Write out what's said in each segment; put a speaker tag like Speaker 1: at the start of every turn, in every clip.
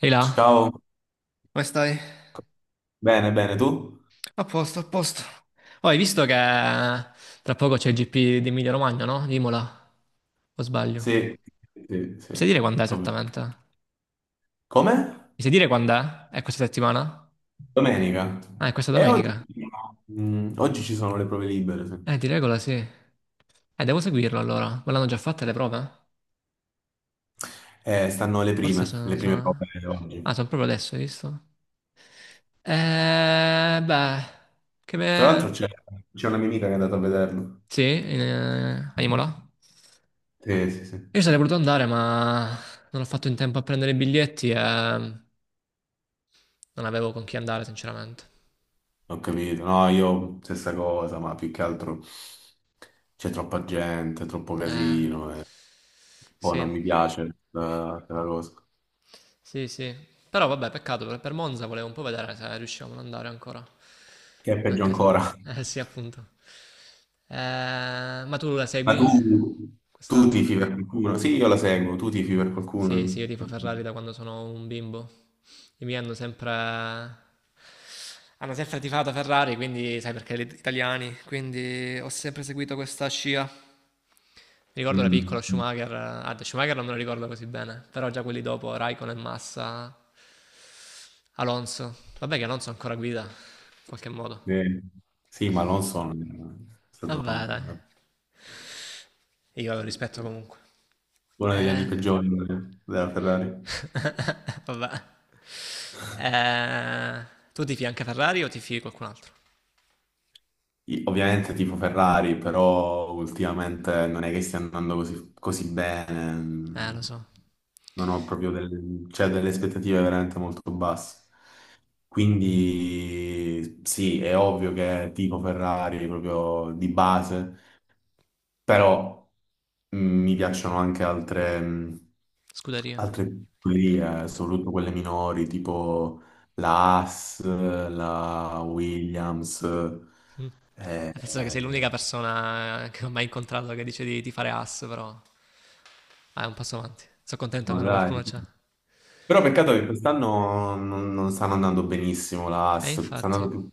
Speaker 1: Sei là?
Speaker 2: Ciao,
Speaker 1: Come stai?
Speaker 2: bene, bene, tu?
Speaker 1: A posto, a posto. Oh, hai visto che tra poco c'è il GP di Emilia Romagna, no? Di Imola, o sbaglio?
Speaker 2: Sì, sì,
Speaker 1: Mi sai
Speaker 2: sì.
Speaker 1: dire quando è
Speaker 2: Vabbè.
Speaker 1: esattamente? Mi
Speaker 2: Come?
Speaker 1: sai dire quando è? È questa settimana?
Speaker 2: Domenica.
Speaker 1: Ah, è questa
Speaker 2: E oggi,
Speaker 1: domenica?
Speaker 2: oggi ci sono le prove libere, sì.
Speaker 1: Di regola sì. Devo seguirlo allora. Ma l'hanno già fatte le prove?
Speaker 2: Stanno
Speaker 1: Forse sono...
Speaker 2: le prime prove
Speaker 1: sono... Ah,
Speaker 2: oggi.
Speaker 1: sono proprio adesso, hai visto? Beh, che
Speaker 2: Tra l'altro
Speaker 1: me.
Speaker 2: c'è una mia amica che è andata a vederlo.
Speaker 1: Sì, a Imola?
Speaker 2: Sì, sì, sì,
Speaker 1: Io sarei voluto andare, ma non ho fatto in tempo a prendere i biglietti e non avevo con chi andare, sinceramente.
Speaker 2: ho capito. No, io stessa cosa, ma più che altro c'è troppa gente, troppo
Speaker 1: Eh.
Speaker 2: casino e poi
Speaker 1: Sì,
Speaker 2: non mi piace la cosa.
Speaker 1: sì, sì. Però vabbè, peccato, per Monza volevo un po' vedere se riuscivamo ad andare ancora.
Speaker 2: Che è peggio
Speaker 1: Anche se.
Speaker 2: ancora.
Speaker 1: Eh sì, appunto. Eh, ma tu la
Speaker 2: Ma tu,
Speaker 1: segui
Speaker 2: tu
Speaker 1: quest'anno?
Speaker 2: tifi per qualcuno? Sì, io la seguo, tu tifi per
Speaker 1: Sì, sì,
Speaker 2: qualcuno?
Speaker 1: io tifo Ferrari da quando sono un bimbo. I miei hanno sempre... Hanno sempre tifato Ferrari, quindi sai perché gli italiani, quindi ho sempre seguito questa scia. Mi ricordo la
Speaker 2: Mm,
Speaker 1: piccola Schumacher, Schumacher non me lo ricordo così bene, però già quelli dopo, Raikkonen, Massa, Alonso. Vabbè che Alonso ancora guida, in qualche modo.
Speaker 2: eh, sì, ma Alonso è stato
Speaker 1: Vabbè dai, io lo rispetto comunque.
Speaker 2: uno degli anni
Speaker 1: Eh,
Speaker 2: peggiori della Ferrari.
Speaker 1: vabbè. Eh, Tu tifi anche Ferrari o tifi qualcun altro?
Speaker 2: Io ovviamente tipo Ferrari, però ultimamente non è che stia andando così, così bene.
Speaker 1: Lo so,
Speaker 2: Non ho proprio delle, cioè, delle aspettative veramente molto basse. Quindi sì, è ovvio che tipo Ferrari proprio di base. Però mi piacciono anche altre,
Speaker 1: scuderia.
Speaker 2: altre librerie, soprattutto quelle minori, tipo la Haas, la Williams.
Speaker 1: Mm.
Speaker 2: Eh,
Speaker 1: Penso che sei l'unica persona che ho mai incontrato che dice di fare ass, però vai un passo avanti. Sono contento,
Speaker 2: no,
Speaker 1: almeno
Speaker 2: dai.
Speaker 1: qualcuno c'è.
Speaker 2: Però peccato che quest'anno non stanno andando benissimo la Haas, sta
Speaker 1: Infatti.
Speaker 2: andando più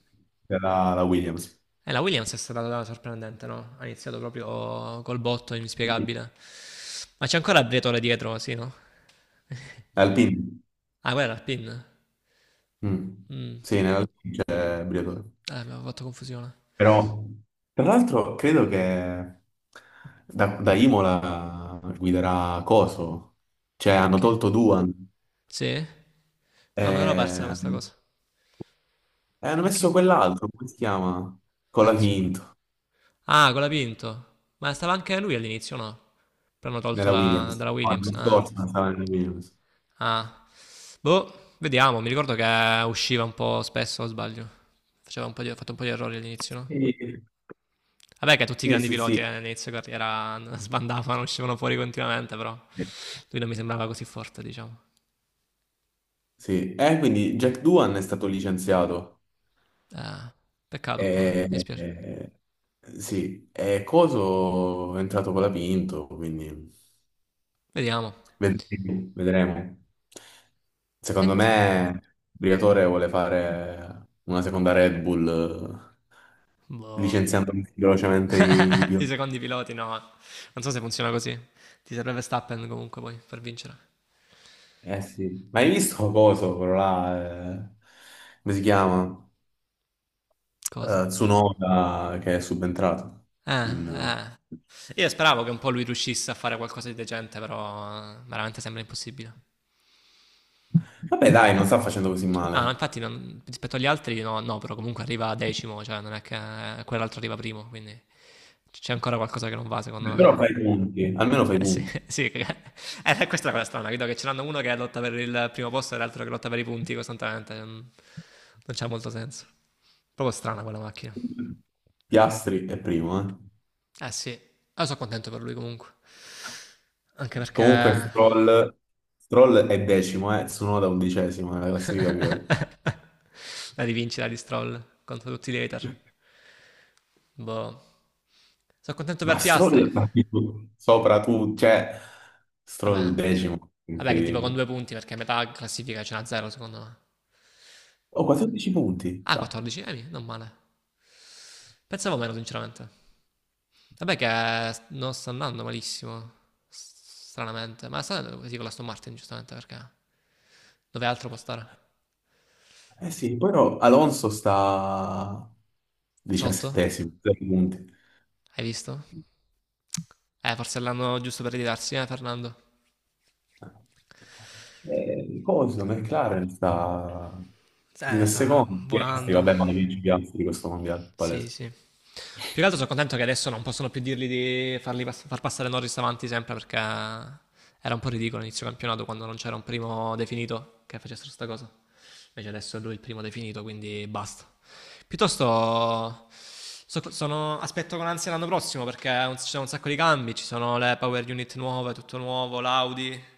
Speaker 2: per la Williams.
Speaker 1: E la Williams è stata sorprendente, no? Ha iniziato proprio col botto
Speaker 2: Mm.
Speaker 1: inspiegabile. Ma c'è ancora Briatore dietro, sì, no?
Speaker 2: Alpine.
Speaker 1: Ah, quella era il pin.
Speaker 2: Mm.
Speaker 1: Mm.
Speaker 2: Sì, nell'Alpine c'è Briatore.
Speaker 1: Abbiamo fatto confusione.
Speaker 2: Però tra l'altro credo che da Imola guiderà Coso, cioè hanno
Speaker 1: Che?
Speaker 2: tolto Duan
Speaker 1: Sì? No, me l'ero persa
Speaker 2: e,
Speaker 1: questa cosa.
Speaker 2: e hanno
Speaker 1: E che?
Speaker 2: messo quell'altro, come si chiama?
Speaker 1: Non so.
Speaker 2: Colafinto,
Speaker 1: Ah, con la Pinto. Ma stava anche lui all'inizio, no? Però hanno tolto
Speaker 2: nella
Speaker 1: da-
Speaker 2: Williams.
Speaker 1: dalla
Speaker 2: No,
Speaker 1: Williams.
Speaker 2: l'anno
Speaker 1: Ah.
Speaker 2: scorso non stava nella Williams.
Speaker 1: Ah. Boh, vediamo. Mi ricordo che usciva un po' spesso, o sbaglio. Faceva un po' di, Ha fatto un po' di errori all'inizio, no?
Speaker 2: Sì,
Speaker 1: Vabbè che tutti i
Speaker 2: sì,
Speaker 1: grandi
Speaker 2: sì.
Speaker 1: piloti
Speaker 2: Sì.
Speaker 1: all'inizio carriera sbandavano, uscivano fuori continuamente, però lui non mi sembrava così forte, diciamo.
Speaker 2: Sì. E quindi Jack Duan è stato licenziato.
Speaker 1: Eh, Peccato un
Speaker 2: E,
Speaker 1: po', dai, mi dispiace.
Speaker 2: e- sì, e Coso è entrato con la Pinto, quindi...
Speaker 1: Vediamo.
Speaker 2: Vedremo. Vedremo. Secondo
Speaker 1: Senti,
Speaker 2: me, Briatore vuole fare una seconda Red Bull,
Speaker 1: boh.
Speaker 2: licenziando velocemente i
Speaker 1: I
Speaker 2: piloti.
Speaker 1: secondi piloti no, non so se funziona così. Ti serve Verstappen comunque poi per vincere.
Speaker 2: Eh sì, ma hai visto cosa quello là? Come si chiama?
Speaker 1: Cosa?
Speaker 2: Tsunoda che è subentrato. in-
Speaker 1: Eh. Io speravo che un po' lui riuscisse a fare qualcosa di decente, però veramente sembra impossibile.
Speaker 2: Vabbè, dai, non sta facendo così
Speaker 1: No, no,
Speaker 2: male.
Speaker 1: infatti rispetto agli altri no, no, però comunque arriva decimo, cioè non è che quell'altro arriva primo, quindi c'è ancora qualcosa che non va secondo
Speaker 2: Però
Speaker 1: me.
Speaker 2: fai i punti, almeno fai
Speaker 1: Eh
Speaker 2: i
Speaker 1: sì,
Speaker 2: punti.
Speaker 1: sì, questa è la cosa strana, vedo che ce n'hanno uno che lotta per il primo posto e l'altro che lotta per i punti costantemente, non c'ha molto senso. Proprio strana quella macchina.
Speaker 2: Piastri è primo, eh.
Speaker 1: Eh sì, io sono contento per lui comunque, anche perché
Speaker 2: Comunque
Speaker 1: la
Speaker 2: Stroll, Stroll è decimo, Tsunoda undicesimo nella classifica piloti.
Speaker 1: rivincita di Stroll contro tutti i hater. Boh, sono contento
Speaker 2: Ma
Speaker 1: per Piastri,
Speaker 2: Stroll fa tipo sopra tu, cioè Stroll
Speaker 1: vabbè,
Speaker 2: decimo,
Speaker 1: vabbè che tipo con
Speaker 2: incredibile.
Speaker 1: due punti perché a metà classifica ce n'ha zero secondo me.
Speaker 2: Oh, 14 punti,
Speaker 1: Ah,
Speaker 2: già.
Speaker 1: 14, non male. Pensavo meno, sinceramente. Vabbè che non sta andando malissimo, stranamente. Ma sta andando così con la Aston Martin, giustamente, perché. Dove altro può stare?
Speaker 2: Eh sì, però Alonso sta
Speaker 1: Sotto?
Speaker 2: diciassettesimo, 3 punti.
Speaker 1: Hai visto? Forse l'hanno giusto per ritirarsi, Fernando?
Speaker 2: Coso, McLaren sta prima e
Speaker 1: Sta
Speaker 2: secondo, Piastri,
Speaker 1: volando.
Speaker 2: vabbè, ma ne vince Piastri questo mondiale,
Speaker 1: Sì,
Speaker 2: palese.
Speaker 1: sì. Più che altro sono contento che adesso non possono più dirgli di farli far passare Norris avanti sempre perché era un po' ridicolo inizio campionato quando non c'era un primo definito che facessero sta cosa. Invece adesso è lui il primo definito, quindi basta. Piuttosto aspetto con ansia l'anno prossimo perché ci sono un sacco di cambi, ci sono le power unit nuove, tutto nuovo, l'Audi.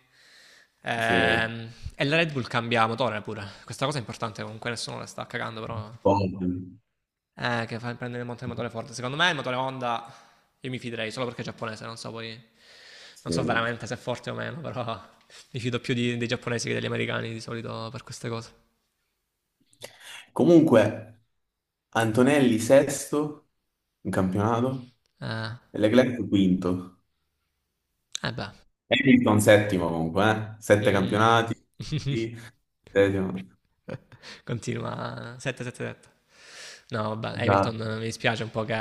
Speaker 2: Sì.
Speaker 1: E la Red Bull cambia motore pure. Questa cosa è importante, comunque nessuno la sta cagando, però
Speaker 2: Poi,
Speaker 1: che fa prendere il motore forte. Secondo me il motore Honda io mi fiderei solo perché è giapponese, non so poi. Non so
Speaker 2: sì.
Speaker 1: veramente se è forte o meno, però mi fido più dei giapponesi che degli americani di solito per queste cose.
Speaker 2: Comunque, Antonelli sesto in campionato
Speaker 1: Eh,
Speaker 2: e Leclerc quinto.
Speaker 1: eh beh.
Speaker 2: Hamilton settimo comunque, eh? Sette
Speaker 1: Mm.
Speaker 2: campionati. Sì, settimo.
Speaker 1: Continua 777. No, vabbè,
Speaker 2: Esatto.
Speaker 1: Hamilton mi dispiace un po' che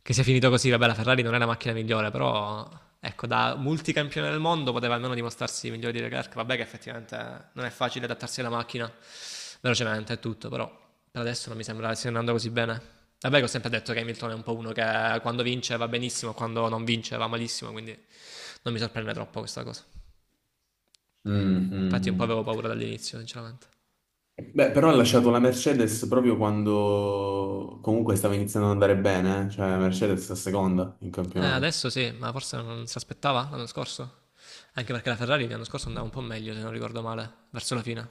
Speaker 1: Che sia finito così, vabbè, la Ferrari non è la macchina migliore, però ecco, da multicampione del mondo poteva almeno dimostrarsi migliore di Leclerc. Vabbè che effettivamente non è facile adattarsi alla macchina velocemente e tutto, però per adesso non mi sembra stia andando così bene. Vabbè, che ho sempre detto che Hamilton è un po' uno che quando vince va benissimo, quando non vince va malissimo, quindi non mi sorprende troppo questa cosa.
Speaker 2: Mm, mm,
Speaker 1: Infatti un po'
Speaker 2: mm.
Speaker 1: avevo paura dall'inizio, sinceramente.
Speaker 2: Beh, però ha lasciato la Mercedes proprio quando comunque stava iniziando ad andare bene, eh? Cioè la Mercedes è seconda in campionato.
Speaker 1: Adesso sì, ma forse non si aspettava l'anno scorso. Anche perché la Ferrari l'anno scorso andava un po' meglio, se non ricordo male, verso la fine.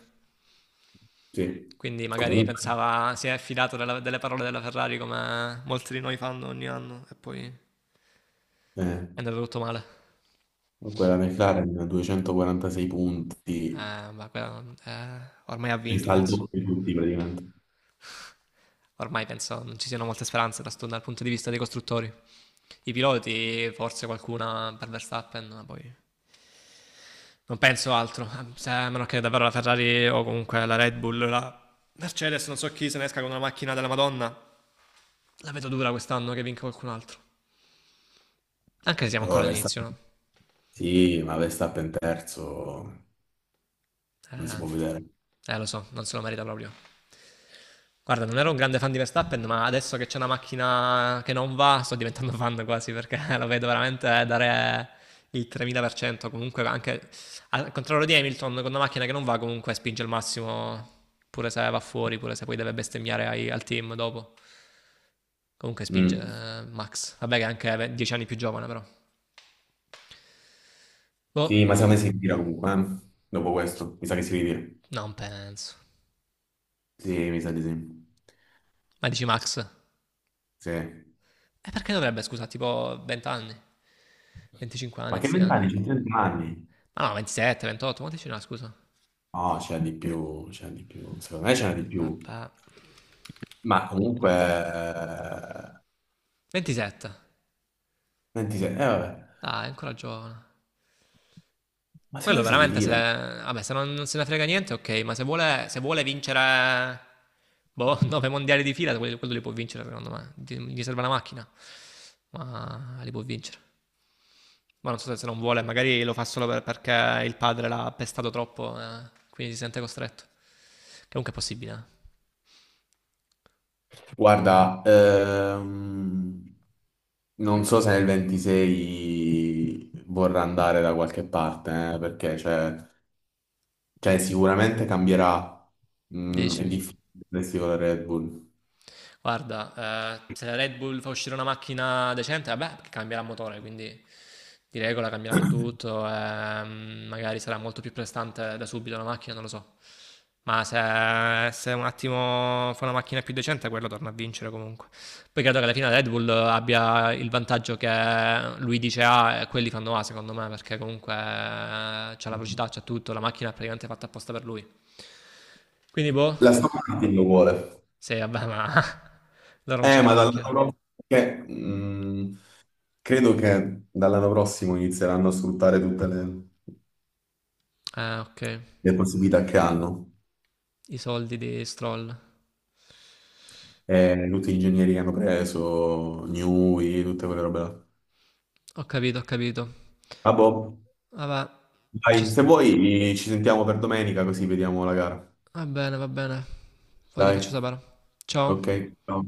Speaker 2: Sì,
Speaker 1: Quindi magari
Speaker 2: comunque,
Speaker 1: pensava si è affidato della delle parole della Ferrari come molti di noi fanno ogni anno e poi è
Speaker 2: eh,
Speaker 1: andato tutto male.
Speaker 2: quella McLaren 246 punti,
Speaker 1: Ma quello, ormai ha
Speaker 2: il
Speaker 1: vinto, penso.
Speaker 2: saldo di tutti praticamente.
Speaker 1: Ormai penso non ci siano molte speranze da dal punto di vista dei costruttori. I piloti, forse qualcuna per Verstappen, ma poi non penso altro. A meno che davvero la Ferrari o comunque la Red Bull, la Mercedes, non so chi se ne esca con una macchina della Madonna. La vedo dura quest'anno che vinca qualcun altro. Anche se siamo
Speaker 2: Oh,
Speaker 1: ancora all'inizio,
Speaker 2: Verstappen.
Speaker 1: no?
Speaker 2: Sì, ma Verstappen terzo non si
Speaker 1: Eh,
Speaker 2: può vedere.
Speaker 1: Lo so, non se lo merita proprio. Guarda, non ero un grande fan di Verstappen, ma adesso che c'è una macchina che non va, sto diventando fan quasi perché lo vedo veramente dare il 3000%. Comunque, anche al contrario di Hamilton, con una macchina che non va, comunque spinge il massimo, pure se va fuori, pure se poi deve bestemmiare al team dopo. Comunque spinge
Speaker 2: Mm.
Speaker 1: Max. Vabbè, che è anche 10 anni più giovane, però.
Speaker 2: Sì,
Speaker 1: Boh,
Speaker 2: ma secondo me si ritira comunque, eh? Dopo questo, mi sa che si ritira.
Speaker 1: non penso.
Speaker 2: Sì, mi sa di sì.
Speaker 1: Ma dici Max?
Speaker 2: Sì.
Speaker 1: E perché dovrebbe, scusa, tipo 20 anni? 25 anni,
Speaker 2: Ma che
Speaker 1: 26 anni?
Speaker 2: vent'anni? C'è 30 anni?
Speaker 1: Ah no, 27, 28, quanti ce n'ha, scusa?
Speaker 2: No, c'è di più, c'è di più. Secondo me c'è di più.
Speaker 1: Vabbè.
Speaker 2: Ma comunque...
Speaker 1: 27.
Speaker 2: 26, vabbè.
Speaker 1: Dai, è ancora giovane.
Speaker 2: Ma
Speaker 1: Quello
Speaker 2: secondo me si
Speaker 1: veramente se.
Speaker 2: ritira.
Speaker 1: Vabbè, se non se ne frega niente, ok, ma se vuole vincere. Boh, 9 mondiali di fila, quello li può vincere, secondo me. Gli serve la macchina, ma li può vincere. Ma non so se non vuole, magari lo fa solo perché il padre l'ha pestato troppo, quindi si sente costretto. Che comunque è possibile, eh.
Speaker 2: Guarda, non so se nel 26 vorrà andare da qualche parte, perché cioè, cioè, sicuramente cambierà. Mm,
Speaker 1: 10.
Speaker 2: è difficile resti con la Red Bull.
Speaker 1: Guarda, se la Red Bull fa uscire una macchina decente, vabbè, perché cambierà motore, quindi di regola cambieranno tutto, magari sarà molto più prestante da subito la macchina, non lo so. Ma se un attimo fa una macchina più decente, quello torna a vincere comunque. Poi credo che alla fine la Red Bull abbia il vantaggio che lui dice A e quelli fanno A, secondo me, perché comunque c'ha la velocità, c'ha tutto, la macchina è praticamente fatta apposta per lui. Quindi boh,
Speaker 2: La Aston Martin lo vuole.
Speaker 1: sì, vabbè, ma loro non c'hanno la
Speaker 2: Ma dall'anno
Speaker 1: macchina.
Speaker 2: prossimo... che, credo che dall'anno prossimo inizieranno a sfruttare tutte
Speaker 1: Ah, ok.
Speaker 2: le possibilità che hanno.
Speaker 1: I soldi di Stroll.
Speaker 2: Tutti gli ingegneri che hanno preso, Newey, tutte quelle robe là.
Speaker 1: Ho capito, ho capito.
Speaker 2: Ah, boh.
Speaker 1: Vabbè, ci
Speaker 2: Dai,
Speaker 1: s-
Speaker 2: se vuoi, ci sentiamo per domenica così vediamo la gara.
Speaker 1: Va bene, va bene. Poi ti
Speaker 2: Dai,
Speaker 1: faccio sapere.
Speaker 2: ok.
Speaker 1: Ciao.
Speaker 2: Ciao.